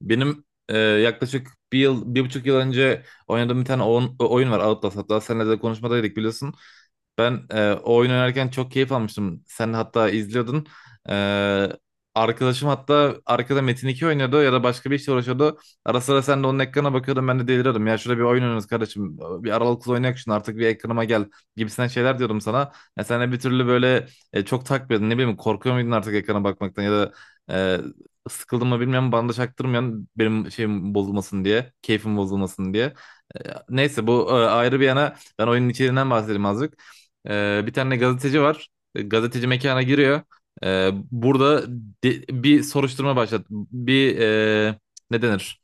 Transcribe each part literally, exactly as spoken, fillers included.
Benim e, yaklaşık bir yıl, bir buçuk yıl önce oynadığım bir tane oyun, oyun var, Outlast. Hatta seninle de konuşmadaydık, biliyorsun. Ben e, o oyun oynarken çok keyif almıştım. Sen hatta izliyordun. E, Arkadaşım hatta arkada Metin iki oynuyordu ya da başka bir işle uğraşıyordu. Ara sıra sen de onun ekrana bakıyordun, ben de deliriyordum. Ya şurada bir oyun oynuyoruz kardeşim, bir aralıklı oynayak şunu artık, bir ekranıma gel gibisinden şeyler diyordum sana. Ya sen de bir türlü böyle e, çok takmıyordun. Ne bileyim, korkuyor muydun artık ekrana bakmaktan ya da e, sıkıldım mı bilmiyorum, bana da çaktırmayan, benim şeyim bozulmasın diye, keyfim bozulmasın diye. Ee, Neyse, bu e, ayrı bir yana, ben oyunun içeriğinden bahsedeyim azıcık. Ee, bir tane gazeteci var. E, Gazeteci mekana giriyor. Ee, burada de- bir soruşturma başlat. Bir, e, ne denir,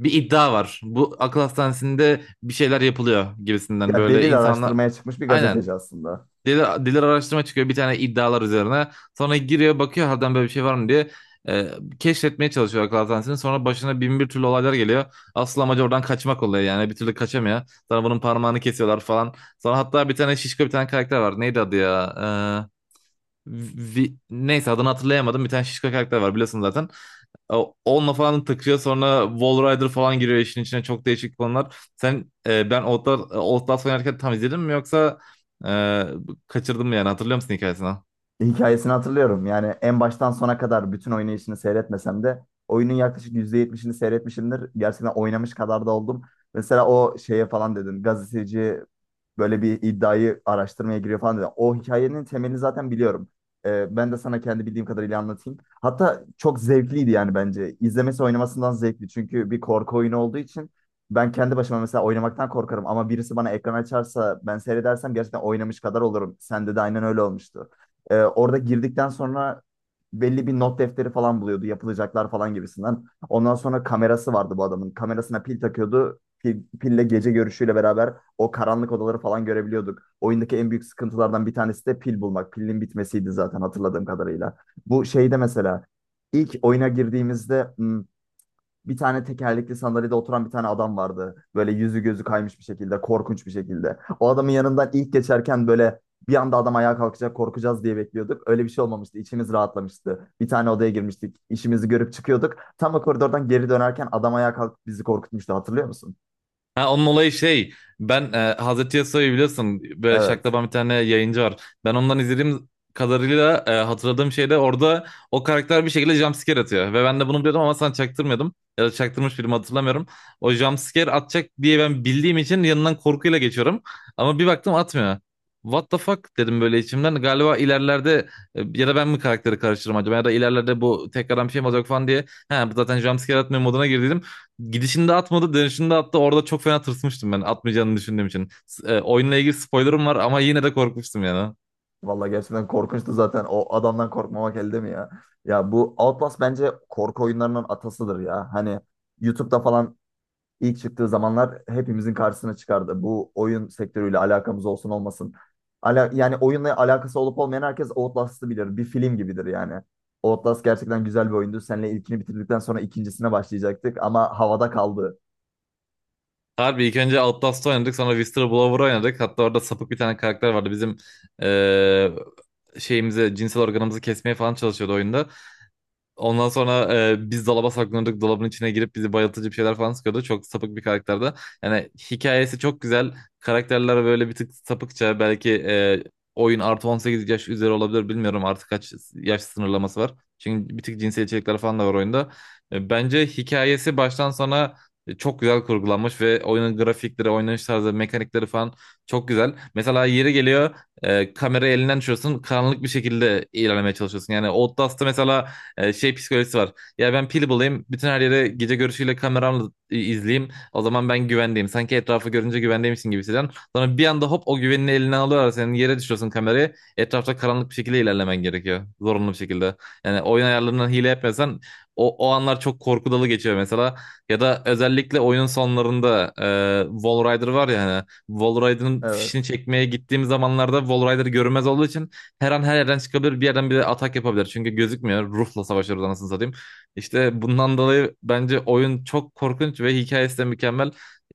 bir iddia var. Bu akıl hastanesinde bir şeyler yapılıyor gibisinden, Ya böyle delil insanlar. araştırmaya çıkmış bir Aynen. gazeteci aslında. Diğer, diğer araştırma çıkıyor bir tane, iddialar üzerine. Sonra giriyor, bakıyor harbiden böyle bir şey var mı diye. E, Keşfetmeye çalışıyor akıl hastanesini. Sonra başına bin bir türlü olaylar geliyor. Asıl amacı oradan kaçmak oluyor yani. Bir türlü kaçamıyor. Sonra bunun parmağını kesiyorlar falan. Sonra hatta bir tane şişko bir tane karakter var. Neydi adı ya? E, Vi- neyse, adını hatırlayamadım. Bir tane şişko karakter var biliyorsun zaten. O- Onunla falan takıyor, sonra Wall Rider falan giriyor işin içine, çok değişik konular. Sen e, ben Outlast, Outlast oynarken tam izledin mi yoksa e, kaçırdın mı, yani hatırlıyor musun hikayesini? Hikayesini hatırlıyorum. Yani en baştan sona kadar bütün oynayışını seyretmesem de oyunun yaklaşık yüzde yetmişini seyretmişimdir. Gerçekten oynamış kadar da oldum. Mesela o şeye falan dedin. Gazeteci böyle bir iddiayı araştırmaya giriyor falan dedi. O hikayenin temelini zaten biliyorum. Ee, ben de sana kendi bildiğim kadarıyla anlatayım. Hatta çok zevkliydi yani bence. İzlemesi oynamasından zevkli. Çünkü bir korku oyunu olduğu için ben kendi başıma mesela oynamaktan korkarım. Ama birisi bana ekran açarsa ben seyredersem gerçekten oynamış kadar olurum. Sende de aynen öyle olmuştu. Ee, orada girdikten sonra belli bir not defteri falan buluyordu. Yapılacaklar falan gibisinden. Ondan sonra kamerası vardı bu adamın. Kamerasına pil takıyordu. Pil, pille gece görüşüyle beraber o karanlık odaları falan görebiliyorduk. Oyundaki en büyük sıkıntılardan bir tanesi de pil bulmak. Pilin bitmesiydi zaten hatırladığım kadarıyla. Bu şeyde mesela ilk oyuna girdiğimizde hmm, bir tane tekerlekli sandalyede oturan bir tane adam vardı. Böyle yüzü gözü kaymış bir şekilde, korkunç bir şekilde. O adamın yanından ilk geçerken böyle bir anda adam ayağa kalkacak, korkacağız diye bekliyorduk. Öyle bir şey olmamıştı. İçimiz rahatlamıştı. Bir tane odaya girmiştik. İşimizi görüp çıkıyorduk. Tam o koridordan geri dönerken adam ayağa kalkıp bizi korkutmuştu. Hatırlıyor musun? Ha, onun olayı şey, ben e, Hazreti Yasuo'yu biliyorsun, böyle Evet. şaklaban bir tane yayıncı var. Ben ondan izlediğim kadarıyla e, hatırladığım şey de, orada o karakter bir şekilde jumpscare atıyor. Ve ben de bunu biliyordum ama sana çaktırmıyordum. Ya da çaktırmış birimi hatırlamıyorum. O jumpscare atacak diye ben bildiğim için yanından korkuyla geçiyorum. Ama bir baktım atmıyor. What the fuck dedim böyle içimden. Galiba ilerlerde, e, ya da ben mi karakteri karıştırırım acaba, ya da ilerlerde bu tekrardan bir şey mi olacak falan diye. Ha, bu zaten jumpscare atmıyor moduna girdim. Gidişinde atmadı, dönüşünde attı. Orada çok fena tırsmıştım ben, atmayacağını düşündüğüm için. S- e, oyunla ilgili spoilerım var ama yine de korkmuştum yani. Vallahi gerçekten korkunçtu zaten. O adamdan korkmamak elde mi ya? Ya bu Outlast bence korku oyunlarının atasıdır ya. Hani YouTube'da falan ilk çıktığı zamanlar hepimizin karşısına çıkardı. Bu oyun sektörüyle alakamız olsun olmasın. Ala yani oyunla alakası olup olmayan herkes Outlast'ı bilir. Bir film gibidir yani. Outlast gerçekten güzel bir oyundu. Seninle ilkini bitirdikten sonra ikincisine başlayacaktık ama havada kaldı. Harbi ilk önce Outlast'ı oynadık, sonra Whistler Blower oynadık. Hatta orada sapık bir tane karakter vardı. Bizim e, şeyimizi, cinsel organımızı kesmeye falan çalışıyordu oyunda. Ondan sonra e, biz dolaba saklanırdık. Dolabın içine girip bizi bayıltıcı bir şeyler falan sıkıyordu. Çok sapık bir karakterde. Yani hikayesi çok güzel. Karakterler böyle bir tık sapıkça. Belki e, oyun artı on sekiz yaş üzeri olabilir. Bilmiyorum artık kaç yaş sınırlaması var. Çünkü bir tık cinsel içerikler falan da var oyunda. E, bence hikayesi baştan sona e, çok güzel kurgulanmış ve oyunun grafikleri, oynanış tarzı, mekanikleri falan çok güzel. Mesela yeri geliyor e, kamerayı elinden düşüyorsun, karanlık bir şekilde ilerlemeye çalışıyorsun. Yani Outlast'ta mesela e, şey psikolojisi var. Ya ben pil bulayım, bütün her yere gece görüşüyle kameramla i- izleyeyim, o zaman ben güvendeyim. Sanki etrafı görünce güvendeymişsin gibi hissediyorsun. Sonra bir anda hop, o güvenini eline alıyorlar. Senin yere düşüyorsun kamerayı. Etrafta karanlık bir şekilde ilerlemen gerekiyor, zorunlu bir şekilde. Yani oyun ayarlarından hile yapmıyorsan o, o anlar çok korku dolu geçiyor mesela. Ya da özellikle oyunun sonlarında e, Wall Rider var ya hani, Wall Rider'ın fişini Evet. çekmeye gittiğim zamanlarda Wall Rider görünmez olduğu için her an her yerden çıkabilir, bir yerden bir de atak yapabilir. Çünkü gözükmüyor. Ruhla savaşıyoruz anasını satayım. İşte bundan dolayı bence oyun çok korkunç ve hikayesi de mükemmel.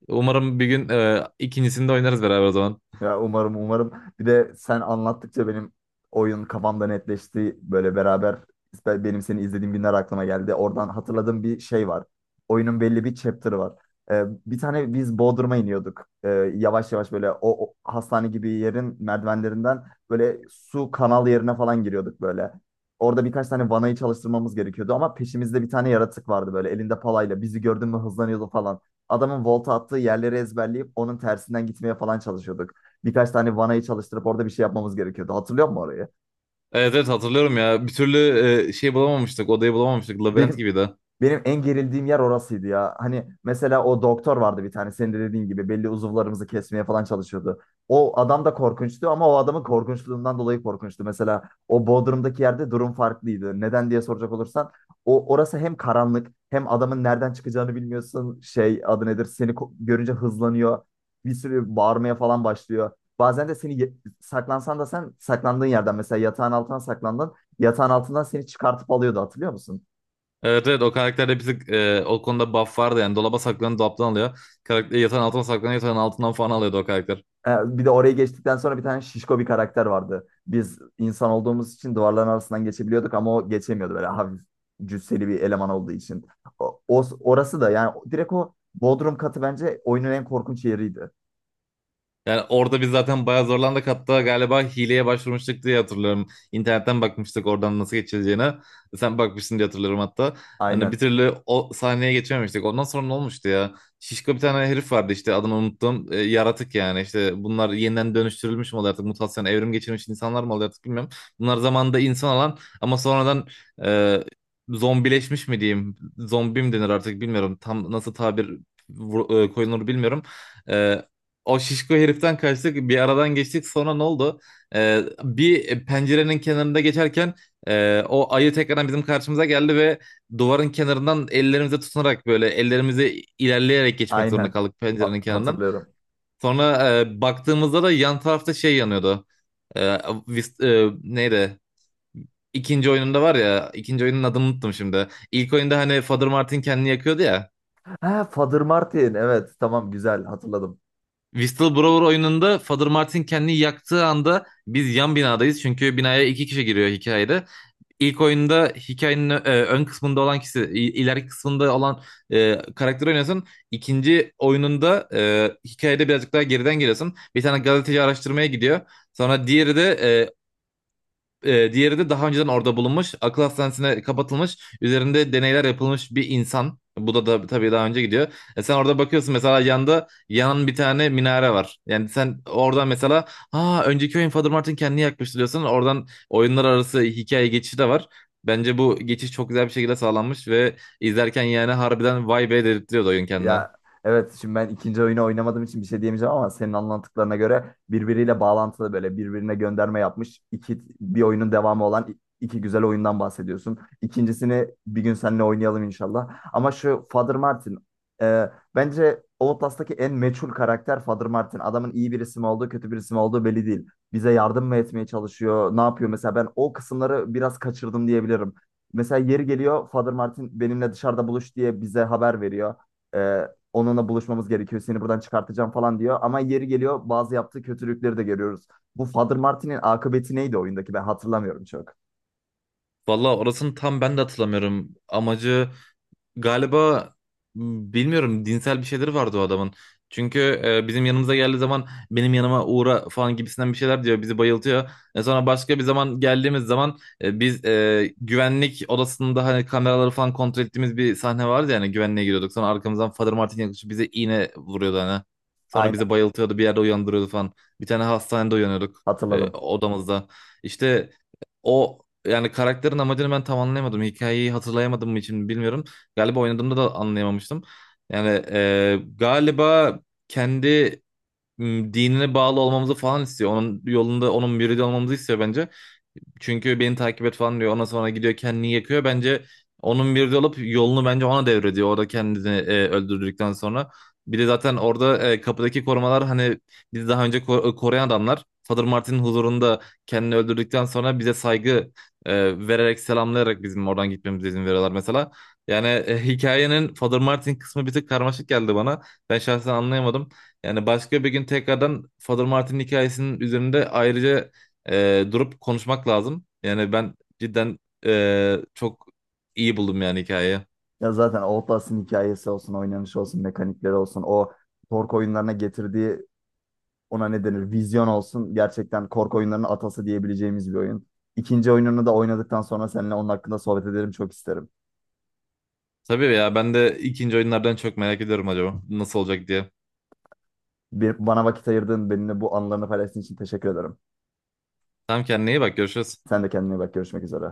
Umarım bir gün e, ikincisini de oynarız beraber o zaman. Ya umarım umarım. Bir de sen anlattıkça benim oyun kafamda netleşti. Böyle beraber ben- benim seni izlediğim günler aklıma geldi. Oradan hatırladığım bir şey var. Oyunun belli bir chapter'ı var. Ee, bir tane biz Bodrum'a iniyorduk. Ee, yavaş yavaş böyle o, o hastane gibi yerin merdivenlerinden böyle su kanal yerine falan giriyorduk böyle. Orada birkaç tane vanayı çalıştırmamız gerekiyordu ama peşimizde bir tane yaratık vardı böyle elinde palayla. Bizi gördün mü hızlanıyordu falan. Adamın volta attığı yerleri ezberleyip onun tersinden gitmeye falan çalışıyorduk. Birkaç tane vanayı çalıştırıp orada bir şey yapmamız gerekiyordu. Hatırlıyor musun orayı? Evet, evet, hatırlıyorum ya. Bir türlü e, şey bulamamıştık, odayı bulamamıştık. Labirent Benim gibiydi. Benim en gerildiğim yer orasıydı ya. Hani mesela o doktor vardı bir tane senin de dediğin gibi belli uzuvlarımızı kesmeye falan çalışıyordu. O adam da korkunçtu ama o adamın korkunçluğundan dolayı korkunçtu. Mesela o Bodrum'daki yerde durum farklıydı. Neden diye soracak olursan o orası hem karanlık hem adamın nereden çıkacağını bilmiyorsun. Şey adı nedir? Seni ko- görünce hızlanıyor. Bir sürü bağırmaya falan başlıyor. Bazen de seni ye- saklansan da sen saklandığın yerden mesela yatağın altına saklandın. Yatağın altından seni çıkartıp alıyordu hatırlıyor musun? Evet, evet, o karakterde bir tık e, o konuda buff vardı yani. Dolaba saklanıp dolaptan alıyor. Karakter yatağın altına saklanıyor, yatağın altından falan alıyordu o karakter. Ha, bir de orayı geçtikten sonra bir tane şişko bir karakter vardı. Biz insan olduğumuz için duvarların arasından geçebiliyorduk ama o geçemiyordu böyle hafif cüsseli bir eleman olduğu için. O, o- orası da yani direkt o Bodrum katı bence oyunun en korkunç yeriydi. Yani orada biz zaten bayağı zorlandık. Hatta galiba hileye başvurmuştuk diye hatırlıyorum. İnternetten bakmıştık oradan nasıl geçileceğine. Sen bakmışsın diye hatırlıyorum hatta. Yani bir Aynen. türlü o sahneye geçememiştik. Ondan sonra ne olmuştu ya? Şişko bir tane herif vardı işte, adını unuttum. E, yaratık yani, işte bunlar yeniden dönüştürülmüş mü oluyor artık? Mutasyon, evrim geçirmiş insanlar mı oluyor artık, bilmiyorum. Bunlar zamanında insan olan ama sonradan e, zombileşmiş mi diyeyim? Zombi mi denir artık bilmiyorum. Tam nasıl tabir vur- e, koyulur bilmiyorum. E, O şişko heriften kaçtık, bir aradan geçtik, sonra ne oldu? Ee, bir pencerenin kenarında geçerken e, o ayı tekrardan bizim karşımıza geldi ve duvarın kenarından ellerimize tutunarak böyle, ellerimizi ilerleyerek geçmek zorunda Aynen. kaldık A- pencerenin kenarından. Hatırlıyorum. Sonra e, baktığımızda da yan tarafta şey yanıyordu. Ee, vis- e, Neydi? İkinci oyununda var ya, ikinci oyunun adını unuttum şimdi. İlk oyunda hani Father Martin kendini yakıyordu ya. Ha, Father Martin. Evet, tamam güzel hatırladım. Whistleblower oyununda Father Martin kendini yaktığı anda biz yan binadayız. Çünkü binaya iki kişi giriyor hikayede. İlk oyunda hikayenin e, ön kısmında olan kişi, i- ileriki kısmında olan e, karakteri oynuyorsun. İkinci oyununda e, hikayede birazcık daha geriden geliyorsun. Bir tane gazeteci araştırmaya gidiyor. Sonra diğeri de e, e, diğeri de daha önceden orada bulunmuş, akıl hastanesine kapatılmış, üzerinde deneyler yapılmış bir insan. Bu da, da tabii daha önce gidiyor. E, sen orada bakıyorsun mesela, yanında yanan bir tane minare var. Yani sen oradan mesela, ha önceki oyun Father Martin kendini yakmıştı diyorsun. Oradan oyunlar arası hikaye geçişi de var. Bence bu geçiş çok güzel bir şekilde sağlanmış ve izlerken yani harbiden vay be dedirtiyordu oyun kendine. Ya evet şimdi ben ikinci oyunu oynamadığım için bir şey diyemeyeceğim ama senin anlattıklarına göre birbiriyle bağlantılı böyle birbirine gönderme yapmış iki bir oyunun devamı olan i- iki güzel oyundan bahsediyorsun. İkincisini bir gün seninle oynayalım inşallah. Ama şu Father Martin e, bence Outlast'taki en meçhul karakter Father Martin. Adamın iyi bir isim olduğu kötü bir isim olduğu belli değil. Bize yardım mı etmeye çalışıyor? Ne yapıyor? Mesela ben o kısımları biraz kaçırdım diyebilirim. Mesela yeri geliyor Father Martin benimle dışarıda buluş diye bize haber veriyor. Ee, Onunla buluşmamız gerekiyor. Seni buradan çıkartacağım falan diyor. Ama yeri geliyor bazı yaptığı kötülükleri de görüyoruz. Bu Father Martin'in akıbeti neydi oyundaki? Ben hatırlamıyorum çok. Valla orasını tam ben de hatırlamıyorum. Amacı galiba, bilmiyorum, dinsel bir şeyleri vardı o adamın. Çünkü e, bizim yanımıza geldiği zaman, benim yanıma uğra falan gibisinden bir şeyler diyor. Bizi bayıltıyor. E, sonra başka bir zaman geldiğimiz zaman e, biz e, güvenlik odasında, hani kameraları falan kontrol ettiğimiz bir sahne vardı, yani güvenliğe giriyorduk. Sonra arkamızdan Father Martin yaklaşıp bize iğne vuruyordu hani. Sonra Aynen bizi bayıltıyordu, bir yerde uyandırıyordu falan. Bir tane hastanede uyanıyorduk e, hatırladım. odamızda. İşte o, yani karakterin amacını ben tam anlayamadım. Hikayeyi hatırlayamadığım için bilmiyorum. Galiba oynadığımda da anlayamamıştım. Yani e, galiba kendi m, dinine bağlı olmamızı falan istiyor. Onun yolunda, onun müridi olmamızı istiyor bence. Çünkü beni takip et falan diyor. Ondan sonra gidiyor kendini yakıyor. Bence onun bir de olup yolunu bence ona devrediyor. Orada kendini e, öldürdükten sonra. Bir de zaten orada e, kapıdaki korumalar, hani bizi daha önce ko- e, koruyan adamlar, Father Martin'in huzurunda kendini öldürdükten sonra bize saygı e, vererek, selamlayarak bizim oradan gitmemize izin veriyorlar mesela. Yani e, hikayenin Father Martin kısmı bir tık karmaşık geldi bana. Ben şahsen anlayamadım. Yani başka bir gün tekrardan Father Martin hikayesinin üzerinde ayrıca e, durup konuşmak lazım. Yani ben cidden e, çok iyi buldum yani hikayeyi. Ya zaten Outlast'ın hikayesi olsun, oynanışı olsun, mekanikleri olsun. O korku oyunlarına getirdiği ona ne denir? Vizyon olsun. Gerçekten korku oyunlarının atası diyebileceğimiz bir oyun. İkinci oyununu da oynadıktan sonra seninle onun hakkında sohbet ederim çok isterim. Tabii ya, ben de ikinci oyunlardan çok merak ediyorum acaba nasıl olacak diye. Bir, bana vakit ayırdığın benimle bu anılarını paylaştığın için teşekkür ederim. Tamam, kendine iyi bak, görüşürüz. Sen de kendine iyi bak. Görüşmek üzere.